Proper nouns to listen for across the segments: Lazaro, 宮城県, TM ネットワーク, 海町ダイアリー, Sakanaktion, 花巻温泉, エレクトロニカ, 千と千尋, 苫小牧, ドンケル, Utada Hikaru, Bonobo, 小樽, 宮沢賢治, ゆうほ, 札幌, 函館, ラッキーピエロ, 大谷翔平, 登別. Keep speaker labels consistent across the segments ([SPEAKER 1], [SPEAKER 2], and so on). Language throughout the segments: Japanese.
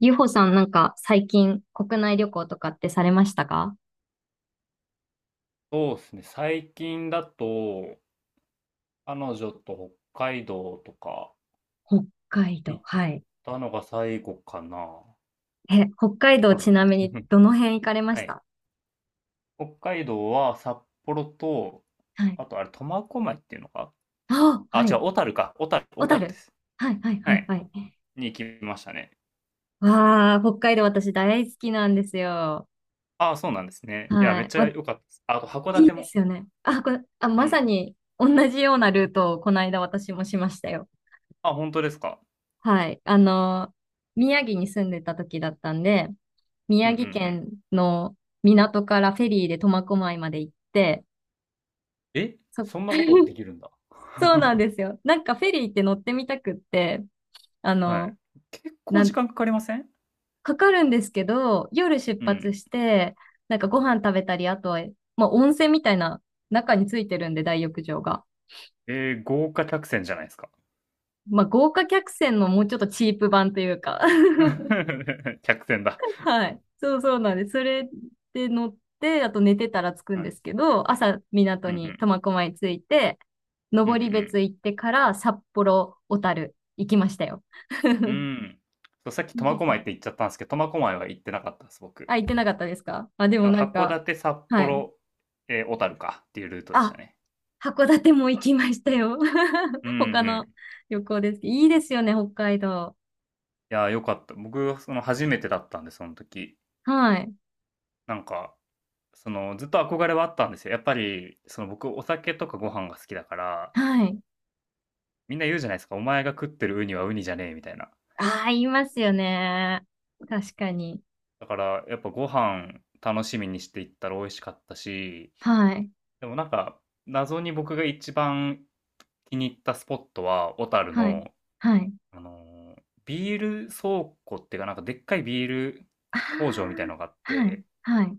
[SPEAKER 1] ゆうほさんなんか最近国内旅行とかってされましたか？
[SPEAKER 2] そうですね。最近だと、彼女と北海道とか
[SPEAKER 1] 北海道。
[SPEAKER 2] 行っ
[SPEAKER 1] はい。
[SPEAKER 2] たのが最後かな。
[SPEAKER 1] え、北海道
[SPEAKER 2] 多
[SPEAKER 1] ち
[SPEAKER 2] 分。
[SPEAKER 1] なみに どの辺行かれま
[SPEAKER 2] は
[SPEAKER 1] し
[SPEAKER 2] い。
[SPEAKER 1] た？
[SPEAKER 2] 北海道は札幌と、
[SPEAKER 1] はい。
[SPEAKER 2] あと苫小牧っていうのか
[SPEAKER 1] ああ、
[SPEAKER 2] あ、
[SPEAKER 1] は
[SPEAKER 2] 違う、
[SPEAKER 1] い。
[SPEAKER 2] 小樽か。小樽、
[SPEAKER 1] 小
[SPEAKER 2] 小樽で
[SPEAKER 1] 樽。
[SPEAKER 2] す。
[SPEAKER 1] はい、はい、は
[SPEAKER 2] は
[SPEAKER 1] い、
[SPEAKER 2] い。
[SPEAKER 1] はい。
[SPEAKER 2] に行きましたね。
[SPEAKER 1] わあ、北海道私大好きなんですよ。
[SPEAKER 2] ああ、そうなんですね。いや、め
[SPEAKER 1] は
[SPEAKER 2] っ
[SPEAKER 1] い。
[SPEAKER 2] ちゃ
[SPEAKER 1] わ、
[SPEAKER 2] 良かったです。ああと、函
[SPEAKER 1] いい
[SPEAKER 2] 館
[SPEAKER 1] で
[SPEAKER 2] も。
[SPEAKER 1] すよね。あ、これ、あ、
[SPEAKER 2] う
[SPEAKER 1] まさ
[SPEAKER 2] ん。
[SPEAKER 1] に同じようなルートをこの間私もしましたよ。
[SPEAKER 2] あ、本当ですか。
[SPEAKER 1] はい。あの、宮城に住んでた時だったんで、
[SPEAKER 2] う
[SPEAKER 1] 宮
[SPEAKER 2] んうん
[SPEAKER 1] 城
[SPEAKER 2] うん。
[SPEAKER 1] 県の港からフェリーで苫小牧まで行って、
[SPEAKER 2] え
[SPEAKER 1] そ、
[SPEAKER 2] そんなことで きるんだ。
[SPEAKER 1] そうなん ですよ。なんかフェリーって乗ってみたくって、あ
[SPEAKER 2] はい。
[SPEAKER 1] の、
[SPEAKER 2] 結構
[SPEAKER 1] な
[SPEAKER 2] 時
[SPEAKER 1] ん、
[SPEAKER 2] 間かかりません
[SPEAKER 1] かかるんですけど、夜出
[SPEAKER 2] う
[SPEAKER 1] 発
[SPEAKER 2] ん。
[SPEAKER 1] して、なんかご飯食べたり、あとは、まあ温泉みたいな中についてるんで、大浴場が。
[SPEAKER 2] えー豪華客船じゃないですか。
[SPEAKER 1] まあ豪華客船のもうちょっとチープ版というか。
[SPEAKER 2] 客船だ。
[SPEAKER 1] はい。そうそうなんです。それで乗って、あと寝てたら着くん
[SPEAKER 2] はい。
[SPEAKER 1] ですけど、朝港
[SPEAKER 2] うんう
[SPEAKER 1] に
[SPEAKER 2] ん。
[SPEAKER 1] 苫小牧着いて、
[SPEAKER 2] う
[SPEAKER 1] 登
[SPEAKER 2] ん
[SPEAKER 1] 別行ってから札幌、小樽行きましたよ。
[SPEAKER 2] うん。うん。そう、さっき
[SPEAKER 1] いい
[SPEAKER 2] 苫
[SPEAKER 1] で
[SPEAKER 2] 小
[SPEAKER 1] すね。
[SPEAKER 2] 牧って言っちゃったんですけど、苫小牧は行ってなかったです、僕。
[SPEAKER 1] あ、行ってなかったですかあ、でも
[SPEAKER 2] だ
[SPEAKER 1] な
[SPEAKER 2] か
[SPEAKER 1] ん
[SPEAKER 2] ら函
[SPEAKER 1] か、
[SPEAKER 2] 館、札
[SPEAKER 1] はい。
[SPEAKER 2] 幌、ええ、小樽かっていうルートでし
[SPEAKER 1] あ、
[SPEAKER 2] たね。
[SPEAKER 1] 函館も行きましたよ。
[SPEAKER 2] うん う
[SPEAKER 1] 他
[SPEAKER 2] ん。
[SPEAKER 1] の旅行ですけど。いいですよね、北海道。
[SPEAKER 2] いやー、よかった。僕、その、初めてだったんで、その時。
[SPEAKER 1] はい。
[SPEAKER 2] なんか、その、ずっと憧れはあったんですよ。やっぱり、その、僕お酒とかご飯が好きだから、
[SPEAKER 1] はい。
[SPEAKER 2] みんな言うじゃないですか「お前が食ってるウニはウニじゃねえ」みたいな。
[SPEAKER 1] ああ、言いますよね。確かに。
[SPEAKER 2] だから、やっぱご飯楽しみにしていったら美味しかったし、
[SPEAKER 1] はい。
[SPEAKER 2] でもなんか、謎に僕が一番気に入ったスポットは、小樽
[SPEAKER 1] はい。
[SPEAKER 2] の、
[SPEAKER 1] はい。
[SPEAKER 2] あのービール倉庫っていうか、なんかでっかいビール工場みたい
[SPEAKER 1] あ
[SPEAKER 2] のがあっ
[SPEAKER 1] あ、はい、
[SPEAKER 2] て、
[SPEAKER 1] はい。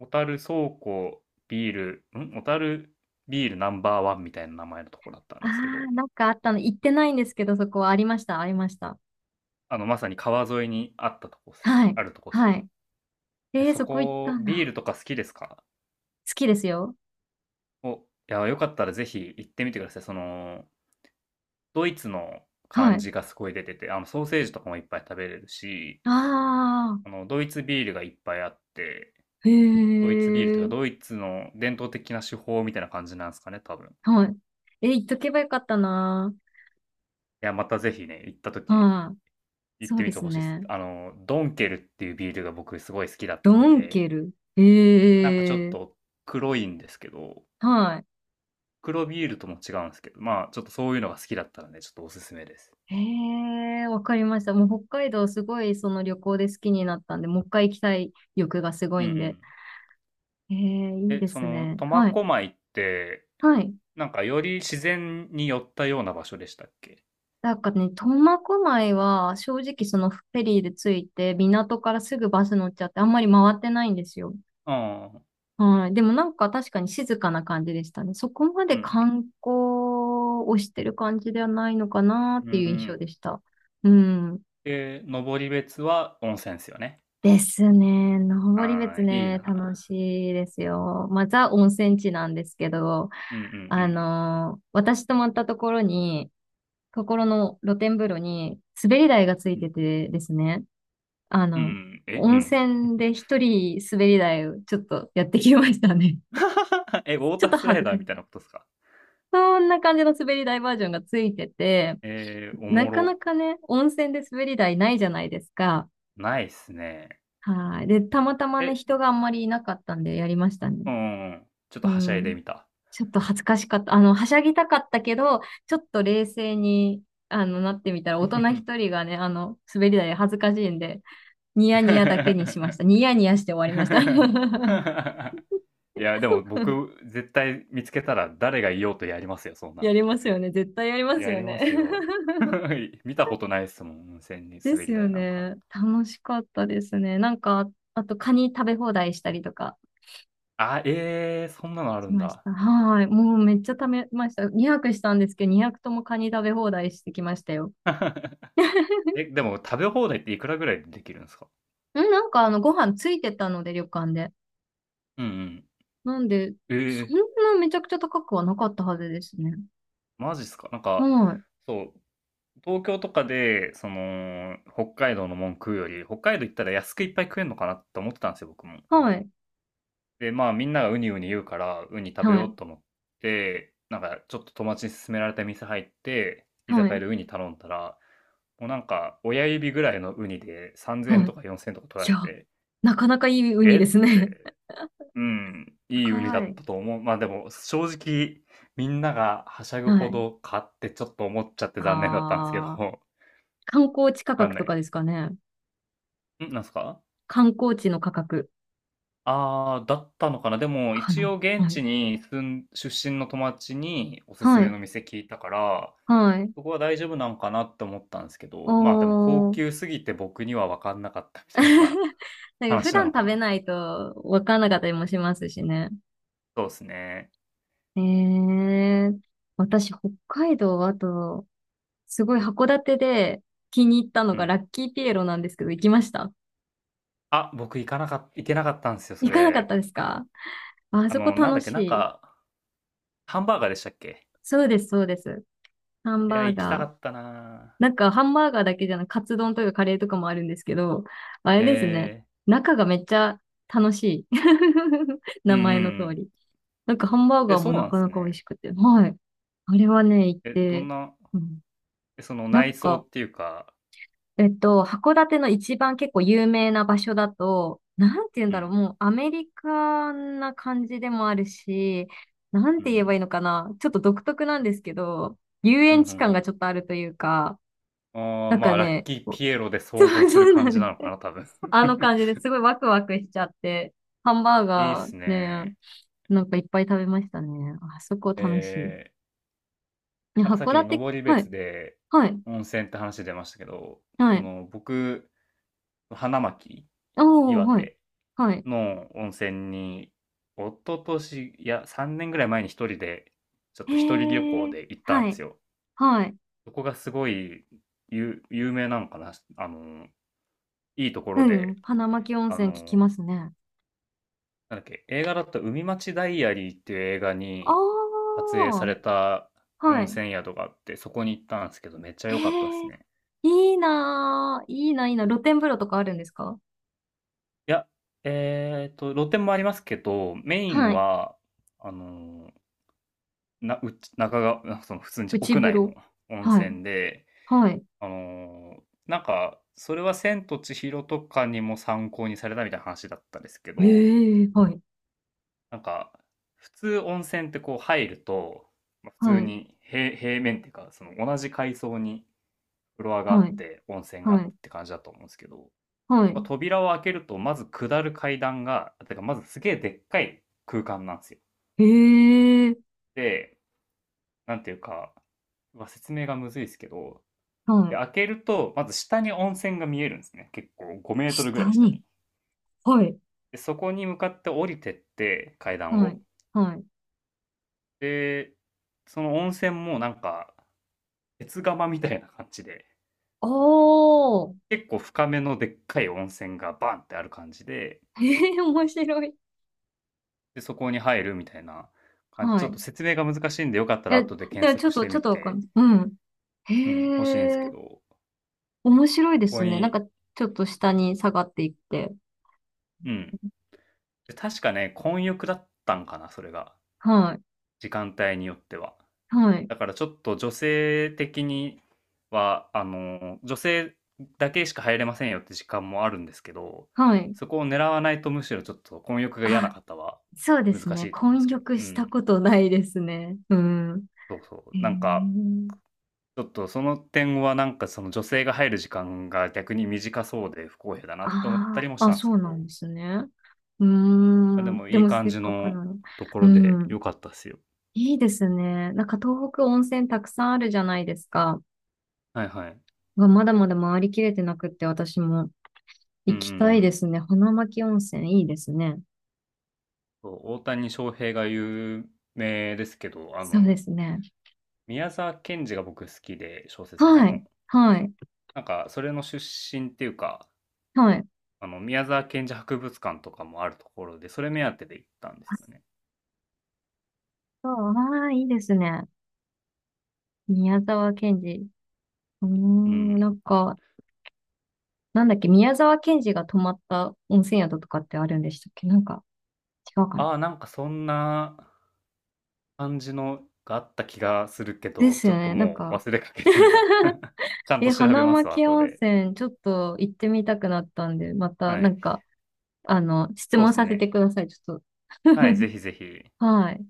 [SPEAKER 2] 小樽倉庫ビール、小樽ビールナンバーワンみたいな名前のとこだったん
[SPEAKER 1] あ
[SPEAKER 2] ですけど、
[SPEAKER 1] あ、なんかあったの、行ってないんですけど、そこはありました、ありました。
[SPEAKER 2] まさに川沿いにあったとこっす
[SPEAKER 1] は
[SPEAKER 2] ね。
[SPEAKER 1] い、
[SPEAKER 2] あるとこっす
[SPEAKER 1] は
[SPEAKER 2] ね。
[SPEAKER 1] い。
[SPEAKER 2] で
[SPEAKER 1] えー、
[SPEAKER 2] そ
[SPEAKER 1] そこ行っ
[SPEAKER 2] こ、
[SPEAKER 1] たん
[SPEAKER 2] ビー
[SPEAKER 1] だ。
[SPEAKER 2] ルとか好きですか
[SPEAKER 1] 好きですよ。
[SPEAKER 2] お、いや、よかったらぜひ行ってみてください。その、ドイツの
[SPEAKER 1] は
[SPEAKER 2] 感
[SPEAKER 1] い。
[SPEAKER 2] じがすごい出てて、ソーセージとかもいっぱい食べれるし、
[SPEAKER 1] ああ、
[SPEAKER 2] ドイツビールがいっぱいあって、
[SPEAKER 1] へ
[SPEAKER 2] ドイツビールというか、
[SPEAKER 1] え、
[SPEAKER 2] ドイツの伝統的な手法みたいな感じなんですかね、多分。い
[SPEAKER 1] はい。えー、行っとけばよかったな。
[SPEAKER 2] や、またぜひね、行った時、
[SPEAKER 1] はい。
[SPEAKER 2] 行っ
[SPEAKER 1] そう
[SPEAKER 2] てみ
[SPEAKER 1] で
[SPEAKER 2] て
[SPEAKER 1] す
[SPEAKER 2] ほしいです。
[SPEAKER 1] ね。
[SPEAKER 2] ドンケルっていうビールが僕すごい好きだっ
[SPEAKER 1] ド
[SPEAKER 2] たん
[SPEAKER 1] ン
[SPEAKER 2] で、
[SPEAKER 1] ケル。
[SPEAKER 2] なんかちょ
[SPEAKER 1] え
[SPEAKER 2] っ
[SPEAKER 1] え、
[SPEAKER 2] と黒いんですけど、
[SPEAKER 1] はい。
[SPEAKER 2] 黒ビールとも違うんですけど、まあ、ちょっとそういうのが好きだったので、ちょっとおすすめです。
[SPEAKER 1] へえ、わかりました。もう北海道すごいその旅行で好きになったんで、もう一回行きたい欲がすご
[SPEAKER 2] うん
[SPEAKER 1] い
[SPEAKER 2] う
[SPEAKER 1] んで。
[SPEAKER 2] ん。
[SPEAKER 1] ええ、いい
[SPEAKER 2] え、
[SPEAKER 1] で
[SPEAKER 2] そ
[SPEAKER 1] す
[SPEAKER 2] の、
[SPEAKER 1] ね。
[SPEAKER 2] 苫
[SPEAKER 1] はい。
[SPEAKER 2] 小牧って、
[SPEAKER 1] はい。
[SPEAKER 2] なんかより自然に寄ったような場所でしたっけ？
[SPEAKER 1] なんかね、苫小牧は正直そのフェリーで着いて港からすぐバス乗っちゃってあんまり回ってないんですよ。
[SPEAKER 2] うん。
[SPEAKER 1] はい。でもなんか確かに静かな感じでしたね。そこまで
[SPEAKER 2] うん
[SPEAKER 1] 観光をしてる感じではないのかなっ
[SPEAKER 2] う
[SPEAKER 1] て
[SPEAKER 2] ん。う
[SPEAKER 1] いう印象で
[SPEAKER 2] ん。
[SPEAKER 1] した。うん。
[SPEAKER 2] で、登別は温泉ですよね。
[SPEAKER 1] ですね。登
[SPEAKER 2] あ
[SPEAKER 1] 別
[SPEAKER 2] あ、いい
[SPEAKER 1] ね、楽
[SPEAKER 2] な。
[SPEAKER 1] しいですよ。まあ、ザ温泉地なんですけど、
[SPEAKER 2] うんうんう
[SPEAKER 1] あ
[SPEAKER 2] ん。
[SPEAKER 1] の私泊まったところに、ところの露天風呂に滑り台がつい
[SPEAKER 2] う
[SPEAKER 1] て
[SPEAKER 2] ん。
[SPEAKER 1] てですね、あ
[SPEAKER 2] うんう
[SPEAKER 1] の、
[SPEAKER 2] ん。え、う
[SPEAKER 1] 温
[SPEAKER 2] ん。
[SPEAKER 1] 泉で一人滑り台をちょっとやってきましたね。
[SPEAKER 2] え、ウ ォー
[SPEAKER 1] ちょ
[SPEAKER 2] タ
[SPEAKER 1] っ
[SPEAKER 2] ー
[SPEAKER 1] と
[SPEAKER 2] スラ
[SPEAKER 1] 恥
[SPEAKER 2] イ
[SPEAKER 1] ず
[SPEAKER 2] ダ
[SPEAKER 1] か
[SPEAKER 2] ー
[SPEAKER 1] し
[SPEAKER 2] みたい
[SPEAKER 1] い。
[SPEAKER 2] なことですか？
[SPEAKER 1] そんな感じの滑り台バージョンがついてて、
[SPEAKER 2] えー、お
[SPEAKER 1] な
[SPEAKER 2] も
[SPEAKER 1] かな
[SPEAKER 2] ろ。
[SPEAKER 1] かね、温泉で滑り台ないじゃないですか。
[SPEAKER 2] ないっすね。
[SPEAKER 1] はい。で、たまたまね、
[SPEAKER 2] え、
[SPEAKER 1] 人があんまりいなかったんでやりましたね。
[SPEAKER 2] うんうん。ちょっと
[SPEAKER 1] う
[SPEAKER 2] はしゃいで
[SPEAKER 1] ん。
[SPEAKER 2] みた。
[SPEAKER 1] ちょっと恥ずかしかった。あの、はしゃぎたかったけど、ちょっと冷静に、あの、なってみたら、大人一 人がね、あの、滑り台恥ずかしいんで、ニヤニヤだけにしました。ニヤニヤして終わりました。
[SPEAKER 2] いや、でも僕、絶対見つけたら誰がいようとやりますよ、そん
[SPEAKER 1] や
[SPEAKER 2] な。
[SPEAKER 1] りますよね。絶対やります
[SPEAKER 2] や
[SPEAKER 1] よ
[SPEAKER 2] りま
[SPEAKER 1] ね。
[SPEAKER 2] すよ。見たことないっすもん、温泉に
[SPEAKER 1] で
[SPEAKER 2] 滑
[SPEAKER 1] す
[SPEAKER 2] り
[SPEAKER 1] よ
[SPEAKER 2] 台なんか。
[SPEAKER 1] ね。楽しかったですね。なんか、あとカニ食べ放題したりとか
[SPEAKER 2] あ、ええそんなのある
[SPEAKER 1] し
[SPEAKER 2] ん
[SPEAKER 1] まし
[SPEAKER 2] だ。
[SPEAKER 1] た。はーい。もうめっちゃ食べました。2 0したんですけど、2 0ともカニ食べ放題してきましたよ。
[SPEAKER 2] え、でも食べ放題っていくらぐらいでできるんですか
[SPEAKER 1] んなんかあの、ご飯ついてたので、旅館で。
[SPEAKER 2] うんうん。
[SPEAKER 1] なんで、
[SPEAKER 2] え
[SPEAKER 1] そん
[SPEAKER 2] え
[SPEAKER 1] なめちゃくちゃ高くはなかったはずですね。
[SPEAKER 2] マジっすかなんか、
[SPEAKER 1] はーい。
[SPEAKER 2] そう、東京とかで、その、北海道のもん食うより、北海道行ったら安くいっぱい食えんのかなって思ってたんですよ、僕も。
[SPEAKER 1] はい。
[SPEAKER 2] で、まあみんながウニウニ言うから、ウニ食べ
[SPEAKER 1] は
[SPEAKER 2] よ
[SPEAKER 1] い。
[SPEAKER 2] うと思って、なんかちょっと友達に勧められた店入って、居
[SPEAKER 1] は
[SPEAKER 2] 酒屋
[SPEAKER 1] い。
[SPEAKER 2] でウニ頼んだら、もうなんか親指ぐらいのウニで3000円
[SPEAKER 1] はい。
[SPEAKER 2] とか4000円とか取ら
[SPEAKER 1] いや、
[SPEAKER 2] れて、
[SPEAKER 1] なかなかいいウニ
[SPEAKER 2] え
[SPEAKER 1] です
[SPEAKER 2] っ
[SPEAKER 1] ね。
[SPEAKER 2] て、うん、いいウニだ
[SPEAKER 1] 高
[SPEAKER 2] っ
[SPEAKER 1] い。
[SPEAKER 2] たと思う。まあでも正直みんながはしゃぐ
[SPEAKER 1] は
[SPEAKER 2] ほ
[SPEAKER 1] い。
[SPEAKER 2] ど買ってちょっと思っちゃって残念だったんですけど、
[SPEAKER 1] ああ、
[SPEAKER 2] わ
[SPEAKER 1] 観光地価
[SPEAKER 2] かん
[SPEAKER 1] 格
[SPEAKER 2] な
[SPEAKER 1] と
[SPEAKER 2] い。
[SPEAKER 1] かですかね。
[SPEAKER 2] なんすか
[SPEAKER 1] 観光地の価格
[SPEAKER 2] ああ、だったのかな。でも、
[SPEAKER 1] か
[SPEAKER 2] 一
[SPEAKER 1] な。
[SPEAKER 2] 応現
[SPEAKER 1] はい。
[SPEAKER 2] 地に住ん出身の友達におすす
[SPEAKER 1] は
[SPEAKER 2] め
[SPEAKER 1] い。
[SPEAKER 2] の店聞いたから、
[SPEAKER 1] はい。
[SPEAKER 2] そこは大丈夫なのかなって思ったんですけ
[SPEAKER 1] お
[SPEAKER 2] ど、まあでも高
[SPEAKER 1] ー。
[SPEAKER 2] 級すぎて僕には分かんなかったみたいなのが
[SPEAKER 1] なんか普
[SPEAKER 2] 話な
[SPEAKER 1] 段
[SPEAKER 2] のか
[SPEAKER 1] 食べ
[SPEAKER 2] な。
[SPEAKER 1] ないとわかんなかったりもしますしね。
[SPEAKER 2] そうですね。
[SPEAKER 1] えー、私、北海道、あと、すごい函館で気に入ったの
[SPEAKER 2] う
[SPEAKER 1] が
[SPEAKER 2] ん。
[SPEAKER 1] ラッキーピエロなんですけど、行きました？
[SPEAKER 2] あ、僕行けなかったんですよ、そ
[SPEAKER 1] 行かなかっ
[SPEAKER 2] れ。
[SPEAKER 1] たですか？あそこ
[SPEAKER 2] なんだ
[SPEAKER 1] 楽
[SPEAKER 2] っけ、
[SPEAKER 1] し
[SPEAKER 2] なん
[SPEAKER 1] い。
[SPEAKER 2] か、ハンバーガーでしたっけ
[SPEAKER 1] そうです、そうです。ハン
[SPEAKER 2] いや、
[SPEAKER 1] バー
[SPEAKER 2] 行きた
[SPEAKER 1] ガ
[SPEAKER 2] か
[SPEAKER 1] ー。
[SPEAKER 2] ったなぁ。
[SPEAKER 1] なんか、ハンバーガーだけじゃなく、カツ丼とかカレーとかもあるんですけど、あれですね。
[SPEAKER 2] え
[SPEAKER 1] 中がめっちゃ楽しい。
[SPEAKER 2] ー、う
[SPEAKER 1] 名
[SPEAKER 2] んうんう
[SPEAKER 1] 前の通
[SPEAKER 2] ん。
[SPEAKER 1] り。なんか、ハンバー
[SPEAKER 2] え、
[SPEAKER 1] ガー
[SPEAKER 2] そ
[SPEAKER 1] も
[SPEAKER 2] う
[SPEAKER 1] な
[SPEAKER 2] なんで
[SPEAKER 1] か
[SPEAKER 2] す
[SPEAKER 1] なか美味
[SPEAKER 2] ね。
[SPEAKER 1] しくて。はい。あれはね、行っ
[SPEAKER 2] え、ど
[SPEAKER 1] て、
[SPEAKER 2] んな、
[SPEAKER 1] うん。
[SPEAKER 2] えその
[SPEAKER 1] なん
[SPEAKER 2] 内装
[SPEAKER 1] か、
[SPEAKER 2] っていうか、
[SPEAKER 1] えっと、函館の一番結構有名な場所だと、なんて言うん
[SPEAKER 2] う
[SPEAKER 1] だろう、
[SPEAKER 2] ん、
[SPEAKER 1] もうアメリカな感じでもあるし、なん
[SPEAKER 2] うんう
[SPEAKER 1] て言えばい
[SPEAKER 2] ん。
[SPEAKER 1] いのかな。ちょっと独特なんですけど、遊
[SPEAKER 2] うんう
[SPEAKER 1] 園地感が
[SPEAKER 2] ん
[SPEAKER 1] ちょっとあるというか、
[SPEAKER 2] うん。ああ、
[SPEAKER 1] なんか
[SPEAKER 2] まあ、ラッ
[SPEAKER 1] ね、
[SPEAKER 2] キー
[SPEAKER 1] こう。
[SPEAKER 2] ピエロで
[SPEAKER 1] そ
[SPEAKER 2] 想像
[SPEAKER 1] う
[SPEAKER 2] す
[SPEAKER 1] そ
[SPEAKER 2] る
[SPEAKER 1] う
[SPEAKER 2] 感
[SPEAKER 1] なん
[SPEAKER 2] じなの
[SPEAKER 1] で
[SPEAKER 2] か
[SPEAKER 1] す。
[SPEAKER 2] な、多分。
[SPEAKER 1] あの 感じですごいワクワクしちゃって、ハンバー
[SPEAKER 2] いいっ
[SPEAKER 1] ガー
[SPEAKER 2] す
[SPEAKER 1] ね、
[SPEAKER 2] ね。
[SPEAKER 1] なんかいっぱい食べましたね。あそこ
[SPEAKER 2] え
[SPEAKER 1] 楽しい。
[SPEAKER 2] ー、
[SPEAKER 1] ね
[SPEAKER 2] なんかさっ
[SPEAKER 1] 函
[SPEAKER 2] き
[SPEAKER 1] 館、
[SPEAKER 2] 登
[SPEAKER 1] はい、
[SPEAKER 2] 別で
[SPEAKER 1] はい、
[SPEAKER 2] 温泉って話出ましたけど、
[SPEAKER 1] は
[SPEAKER 2] そ
[SPEAKER 1] い。
[SPEAKER 2] の僕、花巻、
[SPEAKER 1] おー、
[SPEAKER 2] 岩
[SPEAKER 1] はい、
[SPEAKER 2] 手
[SPEAKER 1] はい。
[SPEAKER 2] の温泉に、一昨年、いや、3年ぐらい前に一人で、ちょっ
[SPEAKER 1] へ
[SPEAKER 2] と一人旅行
[SPEAKER 1] ー、
[SPEAKER 2] で行ったん
[SPEAKER 1] は
[SPEAKER 2] で
[SPEAKER 1] い、
[SPEAKER 2] すよ。
[SPEAKER 1] はい。
[SPEAKER 2] そこがすごい有名なのかな、いいとこ
[SPEAKER 1] う
[SPEAKER 2] ろで、
[SPEAKER 1] ん、花巻温
[SPEAKER 2] あ
[SPEAKER 1] 泉聞き
[SPEAKER 2] の、
[SPEAKER 1] ますね。
[SPEAKER 2] なんだっけ、映画だと海町ダイアリーっていう映画
[SPEAKER 1] あ
[SPEAKER 2] に撮影さ
[SPEAKER 1] ー、
[SPEAKER 2] れた
[SPEAKER 1] は
[SPEAKER 2] 温
[SPEAKER 1] い。
[SPEAKER 2] 泉宿があって、そこに行ったんですけど、めっちゃ
[SPEAKER 1] へ
[SPEAKER 2] 良かったです
[SPEAKER 1] ー、
[SPEAKER 2] ね。
[SPEAKER 1] いいなー、いいな、いいな。露天風呂とかあるんですか？
[SPEAKER 2] いや、露店もありますけど、メイン
[SPEAKER 1] はい。
[SPEAKER 2] は、あのーな、うち、中が、その普通に
[SPEAKER 1] 内
[SPEAKER 2] 屋
[SPEAKER 1] 風
[SPEAKER 2] 内
[SPEAKER 1] 呂。
[SPEAKER 2] の温
[SPEAKER 1] はい、
[SPEAKER 2] 泉で、
[SPEAKER 1] はい。
[SPEAKER 2] なんか、それは千と千尋とかにも参考にされたみたいな話だったんですけ
[SPEAKER 1] え
[SPEAKER 2] ど、
[SPEAKER 1] ーはい。
[SPEAKER 2] なんか、普通温泉ってこう入ると、まあ普
[SPEAKER 1] は
[SPEAKER 2] 通
[SPEAKER 1] い、
[SPEAKER 2] に平面っていうか、その同じ階層にフロアがあ
[SPEAKER 1] は
[SPEAKER 2] っ
[SPEAKER 1] い、
[SPEAKER 2] て、温泉があ
[SPEAKER 1] は
[SPEAKER 2] って
[SPEAKER 1] い、
[SPEAKER 2] って感じだと思うんですけど、
[SPEAKER 1] は
[SPEAKER 2] まあ
[SPEAKER 1] い。
[SPEAKER 2] 扉を開けると、まず下る階段が、てかまずすげえでっかい空間なんですよ。
[SPEAKER 1] へえ、
[SPEAKER 2] で、なんていうか、うわ説明がむずいですけど、
[SPEAKER 1] は
[SPEAKER 2] で、
[SPEAKER 1] い。
[SPEAKER 2] 開けると、まず下に温泉が見えるんですね。結構5メートルぐ
[SPEAKER 1] 下
[SPEAKER 2] らい下
[SPEAKER 1] に。
[SPEAKER 2] に。
[SPEAKER 1] はい、
[SPEAKER 2] で、そこに向かって降りてって、階段
[SPEAKER 1] は
[SPEAKER 2] を。
[SPEAKER 1] い、はい。
[SPEAKER 2] で、その温泉もなんか、鉄釜みたいな感じで、
[SPEAKER 1] おー。
[SPEAKER 2] 結構深めのでっかい温泉がバンってある感じで、
[SPEAKER 1] へえ、面白い。
[SPEAKER 2] で、そこに入るみたいな感じ。
[SPEAKER 1] は
[SPEAKER 2] ちょっ
[SPEAKER 1] い。
[SPEAKER 2] と説明が難しいんで、よかったら
[SPEAKER 1] え、
[SPEAKER 2] 後で
[SPEAKER 1] で
[SPEAKER 2] 検
[SPEAKER 1] もちょっ
[SPEAKER 2] 索し
[SPEAKER 1] と、
[SPEAKER 2] て
[SPEAKER 1] ちょっ
[SPEAKER 2] み
[SPEAKER 1] とわか
[SPEAKER 2] て、
[SPEAKER 1] んない。うん。
[SPEAKER 2] うん、欲しいんです
[SPEAKER 1] へ
[SPEAKER 2] け
[SPEAKER 1] え、
[SPEAKER 2] ど、
[SPEAKER 1] 面白いで
[SPEAKER 2] そ
[SPEAKER 1] す
[SPEAKER 2] こ
[SPEAKER 1] ね。なん
[SPEAKER 2] に、
[SPEAKER 1] か、ちょっと下に下がっていって。
[SPEAKER 2] うん。で確かね、混浴だったんかな、それが。
[SPEAKER 1] はい、
[SPEAKER 2] 時間帯によっては。
[SPEAKER 1] はい、
[SPEAKER 2] だからちょっと女性的には、女性だけしか入れませんよって時間もあるんですけど、
[SPEAKER 1] はい。
[SPEAKER 2] そこを狙わないとむしろちょっと混浴が嫌な
[SPEAKER 1] あ、
[SPEAKER 2] 方は
[SPEAKER 1] そうです
[SPEAKER 2] 難
[SPEAKER 1] ね。
[SPEAKER 2] しいと思うんで
[SPEAKER 1] 混
[SPEAKER 2] すけど。
[SPEAKER 1] 浴
[SPEAKER 2] う
[SPEAKER 1] した
[SPEAKER 2] ん。
[SPEAKER 1] ことないですね。うん。
[SPEAKER 2] そうそ
[SPEAKER 1] へえ。
[SPEAKER 2] う。なんか、ちょっとその点はなんかその女性が入る時間が逆に短そうで不公平だなって思った
[SPEAKER 1] あ
[SPEAKER 2] りもし
[SPEAKER 1] あ、あ、
[SPEAKER 2] たんです
[SPEAKER 1] そう
[SPEAKER 2] け
[SPEAKER 1] なん
[SPEAKER 2] ど、
[SPEAKER 1] ですね。うー
[SPEAKER 2] あ、で
[SPEAKER 1] ん。
[SPEAKER 2] も
[SPEAKER 1] で
[SPEAKER 2] いい
[SPEAKER 1] も
[SPEAKER 2] 感
[SPEAKER 1] せっ
[SPEAKER 2] じ
[SPEAKER 1] かく
[SPEAKER 2] の
[SPEAKER 1] なの。
[SPEAKER 2] とこ
[SPEAKER 1] う
[SPEAKER 2] ろで
[SPEAKER 1] ん。
[SPEAKER 2] 良かったっすよ。
[SPEAKER 1] いいですね。なんか東北温泉たくさんあるじゃないですか。
[SPEAKER 2] はいはい。
[SPEAKER 1] がまだまだ回りきれてなくって私も
[SPEAKER 2] うん
[SPEAKER 1] 行
[SPEAKER 2] うん
[SPEAKER 1] き
[SPEAKER 2] う
[SPEAKER 1] たいで
[SPEAKER 2] ん。
[SPEAKER 1] すね。花巻温泉いいですね。
[SPEAKER 2] そう、大谷翔平が有名ですけど、
[SPEAKER 1] そうですね。
[SPEAKER 2] 宮沢賢治が僕好きで、小説家
[SPEAKER 1] は
[SPEAKER 2] の。
[SPEAKER 1] い。はい。
[SPEAKER 2] なんか、それの出身っていうか、
[SPEAKER 1] はい。
[SPEAKER 2] 宮沢賢治博物館とかもあるところで、それ目当てで行ったんです
[SPEAKER 1] あ、
[SPEAKER 2] よね。
[SPEAKER 1] そう。ああ、いいですね。宮沢賢治。うー
[SPEAKER 2] う
[SPEAKER 1] ん。
[SPEAKER 2] ん。
[SPEAKER 1] なんか、なんだっけ、宮沢賢治が泊まった温泉宿とかってあるんでしたっけ？なんか、違うかな。
[SPEAKER 2] ああ、なんかそんな感じのがあった気がするけ
[SPEAKER 1] で
[SPEAKER 2] ど、
[SPEAKER 1] す
[SPEAKER 2] ちょ
[SPEAKER 1] よ
[SPEAKER 2] っと
[SPEAKER 1] ね。なん
[SPEAKER 2] もう
[SPEAKER 1] か。
[SPEAKER 2] 忘れかけてるな。ちゃん
[SPEAKER 1] え、
[SPEAKER 2] と調べ
[SPEAKER 1] 花
[SPEAKER 2] ますわ、
[SPEAKER 1] 巻
[SPEAKER 2] 後
[SPEAKER 1] 温
[SPEAKER 2] で。
[SPEAKER 1] 泉、ちょっと行ってみたくなったんで、また
[SPEAKER 2] は
[SPEAKER 1] な
[SPEAKER 2] い。
[SPEAKER 1] んか、あの、質
[SPEAKER 2] そうで
[SPEAKER 1] 問
[SPEAKER 2] す
[SPEAKER 1] させて
[SPEAKER 2] ね。
[SPEAKER 1] ください、ちょっと。
[SPEAKER 2] はい、ぜひぜひ。
[SPEAKER 1] はい。